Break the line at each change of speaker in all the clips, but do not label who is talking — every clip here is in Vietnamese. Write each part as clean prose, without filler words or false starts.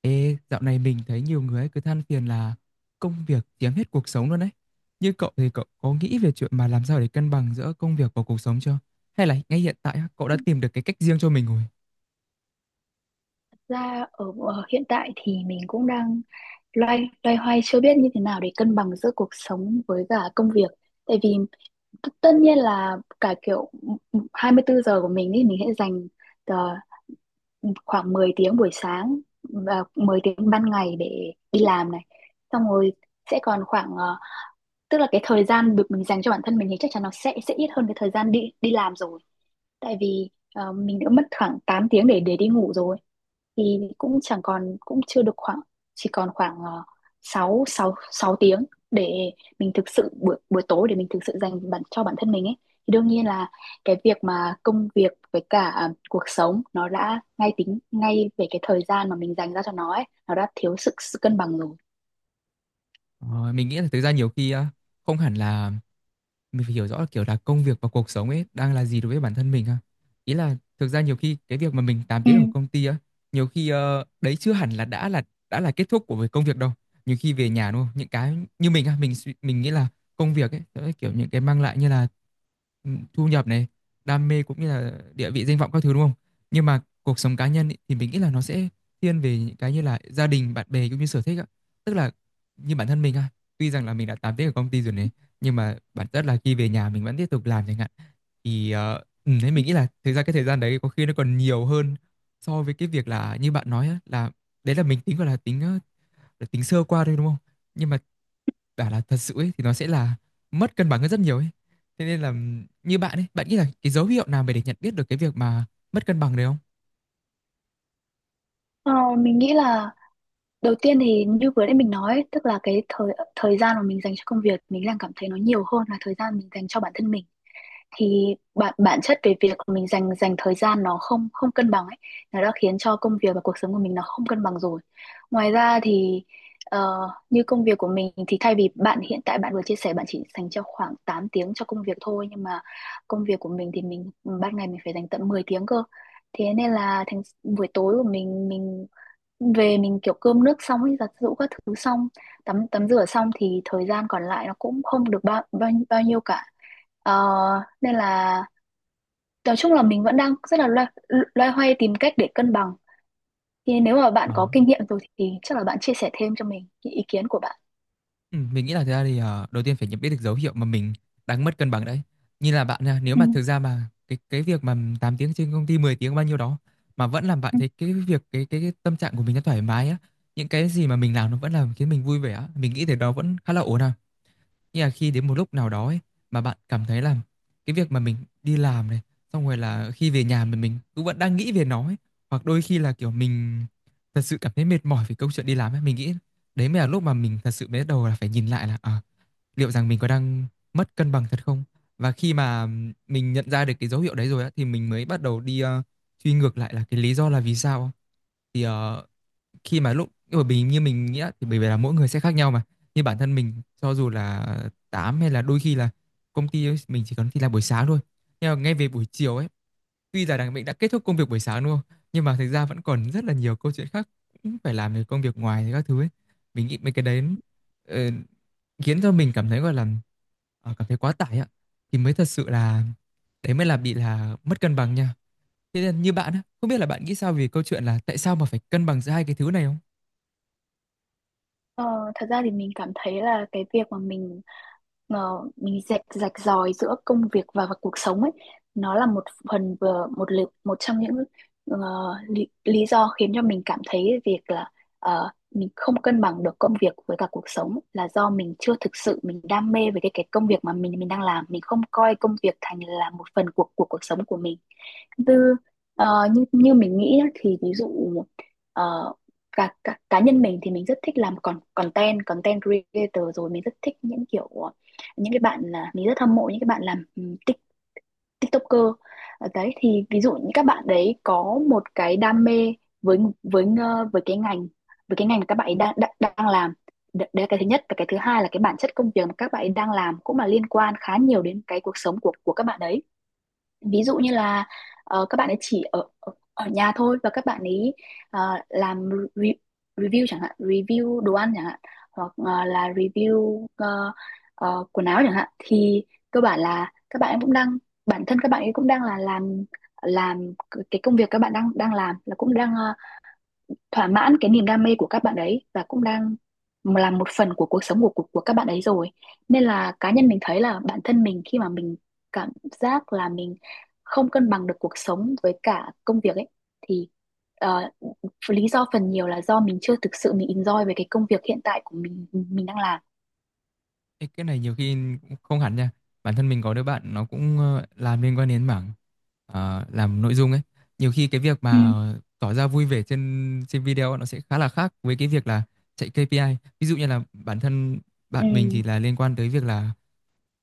Ê, dạo này mình thấy nhiều người ấy cứ than phiền là công việc chiếm hết cuộc sống luôn đấy. Như cậu thì cậu có nghĩ về chuyện mà làm sao để cân bằng giữa công việc và cuộc sống chưa? Hay là ngay hiện tại á, cậu đã tìm được cái cách riêng cho mình rồi?
Ra ở ở hiện tại thì mình cũng đang loay loay hoay chưa biết như thế nào để cân bằng giữa cuộc sống với cả công việc. Tại vì tất nhiên là cả kiểu 24 giờ của mình thì mình sẽ dành ờ, khoảng 10 tiếng buổi sáng và 10 tiếng ban ngày để đi làm này. Xong rồi sẽ còn khoảng tức là cái thời gian được mình dành cho bản thân mình thì chắc chắn nó sẽ ít hơn cái thời gian đi đi làm rồi, tại vì mình đã mất khoảng 8 tiếng để đi ngủ rồi, thì cũng chẳng còn, cũng chưa được khoảng, chỉ còn khoảng 6 6 6 tiếng để mình thực sự buổi buổi tối để mình thực sự dành bản cho bản thân mình ấy, thì đương nhiên là cái việc mà công việc với cả cuộc sống, nó đã ngay tính ngay về cái thời gian mà mình dành ra cho nó ấy, nó đã thiếu sự cân bằng rồi.
Ờ, mình nghĩ là thực ra nhiều khi á, không hẳn là mình phải hiểu rõ kiểu là công việc và cuộc sống ấy đang là gì đối với bản thân mình ha. Ý là thực ra nhiều khi cái việc mà mình 8
Ừ.
tiếng ở công ty á, nhiều khi đấy chưa hẳn là đã là kết thúc của việc công việc đâu. Nhiều khi về nhà đúng không? Những cái như mình á, mình nghĩ là công việc ấy đó là kiểu những cái mang lại như là ừ, thu nhập này, đam mê cũng như là địa vị danh vọng các thứ đúng không? Nhưng mà cuộc sống cá nhân ý, thì mình nghĩ là nó sẽ thiên về những cái như là gia đình, bạn bè cũng như sở thích á. Tức là như bản thân mình á, tuy rằng là mình đã 8 tiếng ở công ty rồi này, nhưng mà bản chất là khi về nhà mình vẫn tiếp tục làm chẳng hạn. Thì thế mình nghĩ là thực ra cái thời gian đấy có khi nó còn nhiều hơn so với cái việc là như bạn nói á, là đấy là mình tính, gọi là là tính sơ qua thôi đúng không, nhưng mà bảo là thật sự ấy, thì nó sẽ là mất cân bằng hơn rất nhiều ấy. Thế nên là như bạn ấy bạn nghĩ là cái dấu hiệu nào mà để nhận biết được cái việc mà mất cân bằng đấy không?
Ờ, mình nghĩ là đầu tiên thì như vừa nãy mình nói, ấy, tức là cái thời thời gian mà mình dành cho công việc, mình đang cảm thấy nó nhiều hơn là thời gian mình dành cho bản thân mình. Thì bản bản chất về việc mình dành dành thời gian nó không không cân bằng ấy, nó đã khiến cho công việc và cuộc sống của mình nó không cân bằng rồi. Ngoài ra thì ờ, như công việc của mình thì thay vì bạn hiện tại bạn vừa chia sẻ bạn chỉ dành cho khoảng 8 tiếng cho công việc thôi, nhưng mà công việc của mình thì mình ban ngày mình phải dành tận 10 tiếng cơ. Thế nên là thành buổi tối của mình về mình kiểu cơm nước xong ấy, giặt giũ các thứ xong, tắm tắm rửa xong thì thời gian còn lại nó cũng không được bao bao, bao nhiêu cả. Ờ, nên là nói chung là mình vẫn đang rất là loay hoay tìm cách để cân bằng, thì nếu mà bạn
Ờ.
có kinh nghiệm rồi thì chắc là bạn chia sẻ thêm cho mình những ý kiến của bạn.
Ừ, mình nghĩ là thực ra thì đầu tiên phải nhận biết được dấu hiệu mà mình đang mất cân bằng đấy. Như là bạn nha, nếu
Ừ.
mà thực ra mà cái việc mà 8 tiếng trên công ty 10 tiếng bao nhiêu đó mà vẫn làm bạn
Ừ.
thấy cái việc cái tâm trạng của mình nó thoải mái á, những cái gì mà mình làm nó vẫn làm khiến mình vui vẻ á, mình nghĩ thì đó vẫn khá là ổn à. Nhưng mà khi đến một lúc nào đó ấy, mà bạn cảm thấy là cái việc mà mình đi làm này, xong rồi là khi về nhà mình cũng vẫn đang nghĩ về nó ấy. Hoặc đôi khi là kiểu mình thật sự cảm thấy mệt mỏi vì câu chuyện đi làm ấy. Mình nghĩ đấy mới là lúc mà mình thật sự bắt đầu là phải nhìn lại là à, liệu rằng mình có đang mất cân bằng thật không? Và khi mà mình nhận ra được cái dấu hiệu đấy rồi á, thì mình mới bắt đầu đi truy ngược lại là cái lý do là vì sao. Thì khi mà lúc bởi vì như mình nghĩ á, thì bởi vì là mỗi người sẽ khác nhau mà. Như bản thân mình cho dù là 8 hay là đôi khi là công ty ấy, mình chỉ cần đi làm buổi sáng thôi, nhưng mà ngay về buổi chiều ấy, tuy là đằng mình đã kết thúc công việc buổi sáng đúng không, nhưng mà thực ra vẫn còn rất là nhiều câu chuyện khác cũng phải làm về công việc ngoài các thứ ấy. Mình nghĩ mấy cái đấy ờ, khiến cho mình cảm thấy gọi là cảm thấy quá tải ạ, thì mới thật sự là đấy mới là bị là mất cân bằng nha. Thế nên như bạn á, không biết là bạn nghĩ sao về câu chuyện là tại sao mà phải cân bằng giữa hai cái thứ này không?
Ờ, thật ra thì mình cảm thấy là cái việc mà mình mình rạch rạch ròi giữa công việc và cuộc sống ấy, nó là một phần vừa một lực, một trong những ờ, lý do khiến cho mình cảm thấy việc là mình không cân bằng được công việc với cả cuộc sống, là do mình chưa thực sự mình đam mê với cái công việc mà mình đang làm, mình không coi công việc thành là một phần của cuộc sống của mình. tư như như mình nghĩ á, thì ví dụ ờ, cá nhân mình thì mình rất thích làm con content content creator, rồi mình rất thích những kiểu những cái bạn, là mình rất hâm mộ những cái bạn làm TikToker. Ờ, đấy thì ví dụ những các bạn đấy có một cái đam mê với cái ngành, mà các bạn ấy đang đang, đang làm. Đấy là cái thứ nhất, và cái thứ hai là cái bản chất công việc mà các bạn ấy đang làm cũng là liên quan khá nhiều đến cái cuộc sống của các bạn đấy. Ví dụ như là các bạn ấy chỉ ở ở ở nhà thôi, và các bạn ấy ờ, làm re review chẳng hạn, review đồ ăn chẳng hạn, hoặc là review quần áo chẳng hạn, thì cơ bản là các bạn ấy cũng đang, bản thân các bạn ấy cũng đang là làm cái công việc các bạn đang đang làm, là cũng đang thỏa mãn cái niềm đam mê của các bạn ấy, và cũng đang là một phần của cuộc sống của của các bạn ấy rồi. Nên là cá nhân mình thấy là bản thân mình khi mà mình cảm giác là mình không cân bằng được cuộc sống với cả công việc ấy, thì ờ, lý do phần nhiều là do mình chưa thực sự mình enjoy về cái công việc hiện tại của mình đang làm.
Ê, cái này nhiều khi cũng không hẳn nha. Bản thân mình có đứa bạn nó cũng làm liên quan đến mảng làm nội dung ấy. Nhiều khi cái việc
Ừ.
mà tỏ ra vui vẻ trên trên video nó sẽ khá là khác với cái việc là chạy KPI. Ví dụ như là bản thân bạn
Ừ.
mình thì là liên quan tới việc là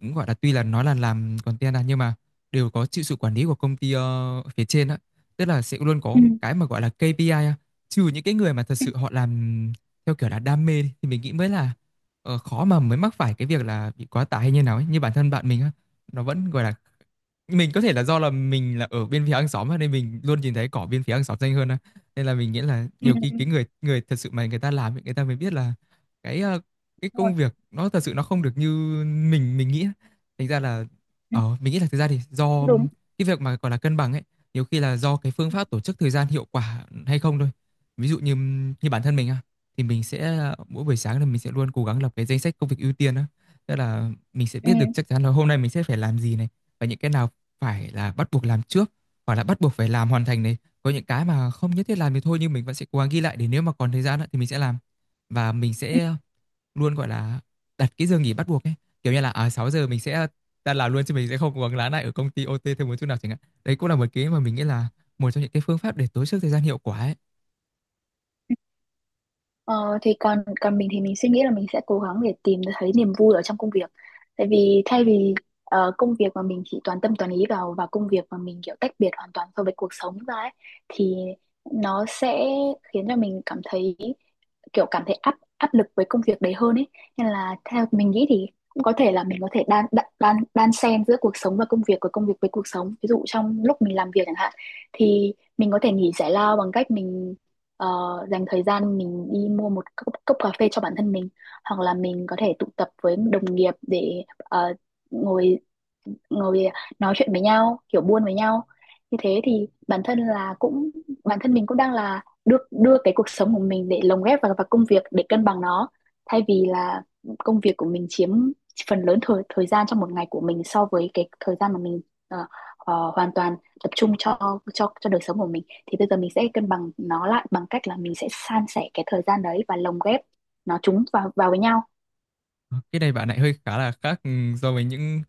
cũng gọi là tuy là nói là làm content à, nhưng mà đều có chịu sự quản lý của công ty phía trên á, tức là sẽ luôn có
Ừ.
cái mà gọi là KPI á, trừ những cái người mà thật
Ừ.
sự họ làm theo kiểu là đam mê thì mình nghĩ mới là khó mà mới mắc phải cái việc là bị quá tải hay như nào ấy. Như bản thân bạn mình á, nó vẫn gọi là mình có thể là do là mình là ở bên phía hàng xóm nên mình luôn nhìn thấy cỏ bên phía hàng xóm xanh hơn á. Nên là mình nghĩ là
Ừ,
nhiều khi
ừ,
cái người người thật sự mà người ta làm ấy, người ta mới biết là cái cái
đúng rồi.
công việc nó thật sự nó không được như mình nghĩ. Á. Thành ra là
Ừ,
ờ mình nghĩ là thực ra thì do
đúng.
cái việc mà gọi là cân bằng ấy, nhiều khi là do cái phương pháp tổ chức thời gian hiệu quả hay không thôi. Ví dụ như như bản thân mình á, thì mình sẽ mỗi buổi sáng là mình sẽ luôn cố gắng lập cái danh sách công việc ưu tiên á. Tức là mình sẽ
Ừ.
biết được chắc chắn là hôm nay mình sẽ phải làm gì này, và những cái nào phải là bắt buộc làm trước hoặc là bắt buộc phải làm hoàn thành này, có những cái mà không nhất thiết làm thì thôi nhưng mình vẫn sẽ cố gắng ghi lại để nếu mà còn thời gian á, thì mình sẽ làm. Và mình sẽ luôn gọi là đặt cái giờ nghỉ bắt buộc ấy, kiểu như là à 6 giờ mình sẽ ta làm luôn chứ mình sẽ không cố gắng lái lại ở công ty OT thêm một chút nào chẳng hạn. Đấy cũng là một cái mà mình nghĩ là một trong những cái phương pháp để tối ưu thời gian hiệu quả ấy.
Ờ, thì còn còn mình thì mình suy nghĩ là mình sẽ cố gắng để tìm thấy niềm vui ở trong công việc. Tại vì thay vì công việc mà mình chỉ toàn tâm toàn ý vào, và công việc mà mình kiểu tách biệt hoàn toàn so với cuộc sống ra ấy, thì nó sẽ khiến cho mình cảm thấy, kiểu cảm thấy áp áp lực với công việc đấy hơn ấy. Nên là theo mình nghĩ thì cũng có thể là mình có thể đan xen giữa cuộc sống và công việc, của công việc với cuộc sống. Ví dụ trong lúc mình làm việc chẳng hạn, thì mình có thể nghỉ giải lao bằng cách mình ờ, dành thời gian mình đi mua một cốc cà phê cho bản thân mình, hoặc là mình có thể tụ tập với đồng nghiệp để ngồi ngồi nói chuyện với nhau, kiểu buôn với nhau. Như thế thì bản thân là cũng, bản thân mình cũng đang là đưa đưa cái cuộc sống của mình để lồng ghép vào công việc để cân bằng nó. Thay vì là công việc của mình chiếm phần lớn thời thời gian trong một ngày của mình, so với cái thời gian mà mình ờ, hoàn toàn tập trung cho cho đời sống của mình, thì bây giờ mình sẽ cân bằng nó lại bằng cách là mình sẽ san sẻ cái thời gian đấy và lồng ghép nó, chúng vào vào với nhau.
Cái này bạn lại hơi khá là khác ừ, so với những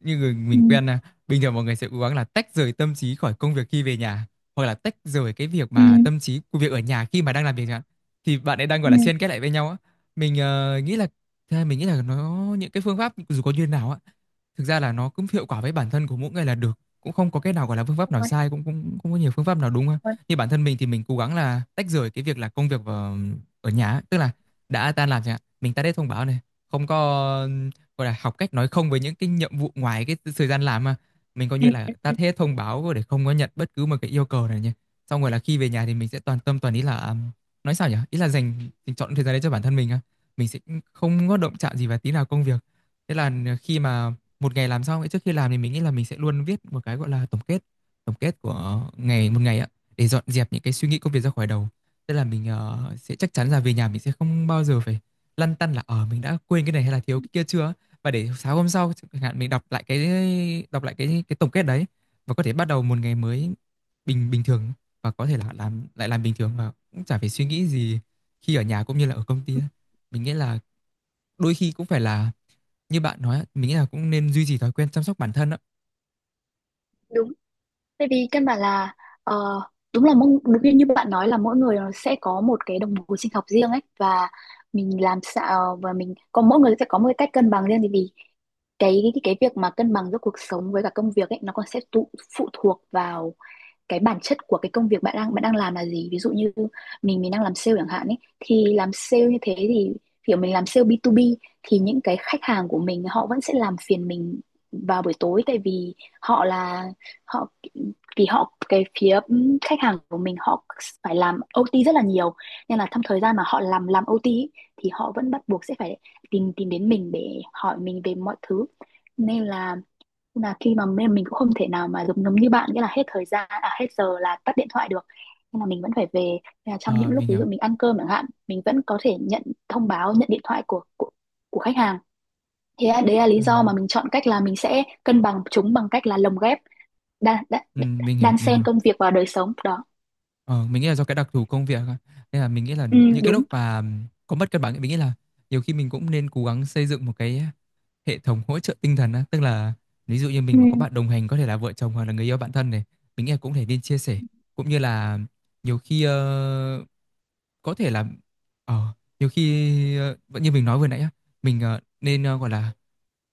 như người
Ừ.
mình quen nè. Bình thường mọi người sẽ cố gắng là tách rời tâm trí khỏi công việc khi về nhà, hoặc là tách rời cái việc
Ừ.
mà tâm trí của việc ở nhà khi mà đang làm việc chẳng hạn. Thì bạn ấy đang gọi
Ừ,
là xen kết lại với nhau á. Mình nghĩ là thế mình nghĩ là nó những cái phương pháp dù có như thế nào á, thực ra là nó cũng hiệu quả với bản thân của mỗi người là được. Cũng không có cái nào gọi là phương pháp nào sai cũng cũng cũng có nhiều phương pháp nào đúng ha. Như bản thân mình thì mình cố gắng là tách rời cái việc là công việc ở, ở nhà, á. Tức là đã tan làm chẳng hạn, mình tắt hết thông báo này, không có gọi là học cách nói không với những cái nhiệm vụ ngoài cái thời gian làm mà mình coi như là tắt hết thông báo để không có nhận bất cứ một cái yêu cầu nào nhé. Xong rồi là khi về nhà thì mình sẽ toàn tâm toàn ý là nói sao nhỉ, ý là dành dành chọn thời gian đấy cho bản thân mình á, mình sẽ không có động chạm gì vào tí nào công việc. Thế là khi mà một ngày làm xong ấy, trước khi làm thì mình nghĩ là mình sẽ luôn viết một cái gọi là tổng kết, tổng kết của ngày một ngày á, để dọn dẹp những cái suy nghĩ công việc ra khỏi đầu. Tức là mình sẽ chắc chắn là về nhà mình sẽ không bao giờ phải lăn tăn là ờ mình đã quên cái này hay là thiếu cái kia chưa. Và để sáng hôm sau chẳng hạn mình đọc lại cái đọc lại cái tổng kết đấy và có thể bắt đầu một ngày mới bình bình thường và có thể là làm lại làm bình thường và cũng chả phải suy nghĩ gì khi ở nhà cũng như là ở công ty. Mình nghĩ là đôi khi cũng phải là như bạn nói, mình nghĩ là cũng nên duy trì thói quen chăm sóc bản thân đó.
đúng. Tại vì căn bản là ờ, đúng là, đúng như bạn nói, là mỗi người nó sẽ có một cái đồng hồ sinh học riêng ấy, và mình làm sao, ờ, và mình có mỗi người sẽ có một cái cách cân bằng riêng. Thì vì cái việc mà cân bằng giữa cuộc sống với cả công việc ấy, nó còn sẽ phụ thuộc vào cái bản chất của cái công việc bạn đang làm là gì. Ví dụ như mình đang làm sale chẳng hạn ấy, thì làm sale như thế thì kiểu mình làm sale B2B, thì những cái khách hàng của mình họ vẫn sẽ làm phiền mình vào buổi tối, tại vì họ là, họ vì họ cái phía khách hàng của mình họ phải làm OT rất là nhiều. Nên là trong thời gian mà họ làm OT ý, thì họ vẫn bắt buộc sẽ phải tìm tìm đến mình để hỏi mình về mọi thứ. Nên là khi mà mình cũng không thể nào mà giống giống như bạn, nghĩa là hết thời gian, à, hết giờ là tắt điện thoại được, nên là mình vẫn phải về. Nên là trong
Ờ,
những lúc
mình
ví
hiểu.
dụ mình ăn cơm chẳng hạn, mình vẫn có thể nhận thông báo, nhận điện thoại của của khách hàng. Đấy là lý
Ừ.
do mà mình chọn cách là mình sẽ cân bằng chúng bằng cách là lồng ghép, đan đan,
Ừ, mình hiểu
đan
mình hiểu
xen công việc vào đời sống đó.
Ờ, mình nghĩ là do cái đặc thù công việc á. Nên là mình nghĩ là
Ừ,
những cái
đúng.
lúc mà có mất cân bằng ấy, mình nghĩ là nhiều khi mình cũng nên cố gắng xây dựng một cái hệ thống hỗ trợ tinh thần á, tức là ví dụ như
Ừ.
mình mà có bạn đồng hành có thể là vợ chồng hoặc là người yêu bạn thân này, mình nghĩ là cũng thể nên chia sẻ, cũng như là nhiều khi ờ, có thể là ờ, nhiều khi ờ, vẫn như mình nói vừa nãy á, mình nên gọi là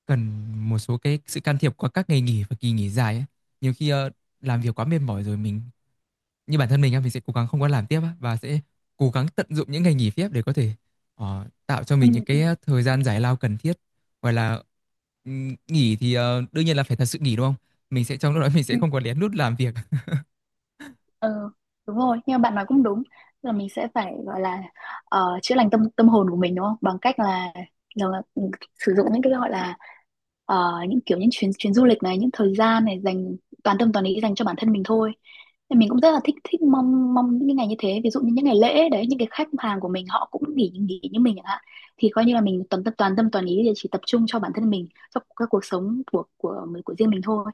cần một số cái sự can thiệp qua các ngày nghỉ và kỳ nghỉ dài ấy. Nhiều khi làm việc quá mệt mỏi rồi mình, như bản thân mình á, mình sẽ cố gắng không có làm tiếp và sẽ cố gắng tận dụng những ngày nghỉ phép để có thể tạo cho
Ừ.
mình những
Ừ.
cái thời gian giải lao cần thiết. Hoặc là nghỉ thì đương nhiên là phải thật sự nghỉ đúng không, mình sẽ trong lúc đó mình sẽ không có lén lút làm việc.
Ừ, đúng rồi, nhưng mà bạn nói cũng đúng, là mình sẽ phải gọi là chữa lành tâm tâm hồn của mình, đúng không? Bằng cách là, là, là ừ, sử dụng những cái gọi là những kiểu những chuyến chuyến du lịch này, những thời gian này, dành toàn tâm toàn ý dành cho bản thân mình thôi. Thì mình cũng rất là thích thích mong mong những cái ngày như thế, ví dụ như những ngày lễ đấy, những cái khách hàng của mình họ cũng nghỉ nghỉ như mình chẳng hạn. Thì coi như là mình toàn tâm toàn ý để chỉ tập trung cho bản thân mình, cho các cuộc sống của mình, của riêng mình thôi.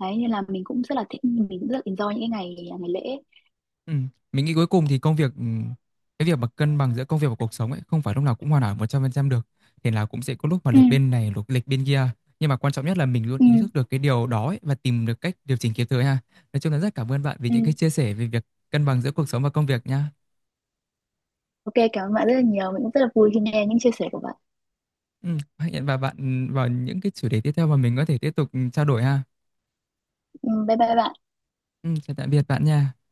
Đấy nên là mình cũng rất là thích, mình cũng rất là enjoy những cái ngày ngày lễ.
Ừ. Mình nghĩ cuối cùng thì công việc, cái việc mà cân bằng giữa công việc và cuộc sống ấy không phải lúc nào cũng hoàn hảo 100% được, thì là cũng sẽ có lúc mà
Ừ.
lệch bên này lúc lệch bên kia, nhưng mà quan trọng nhất là mình luôn
Ừ.
ý thức được cái điều đó ấy, và tìm được cách điều chỉnh kịp thời ha. Nói chung là rất cảm ơn bạn vì
Ừ.
những cái chia sẻ về việc cân bằng giữa cuộc sống và công việc nha.
OK, cảm ơn bạn rất là nhiều, mình cũng rất là vui khi nghe những chia sẻ của bạn.
Hẹn và bạn vào những cái chủ đề tiếp theo mà mình có thể tiếp tục trao đổi ha.
Ừ, bye bye bạn.
Chào tạm biệt bạn nha.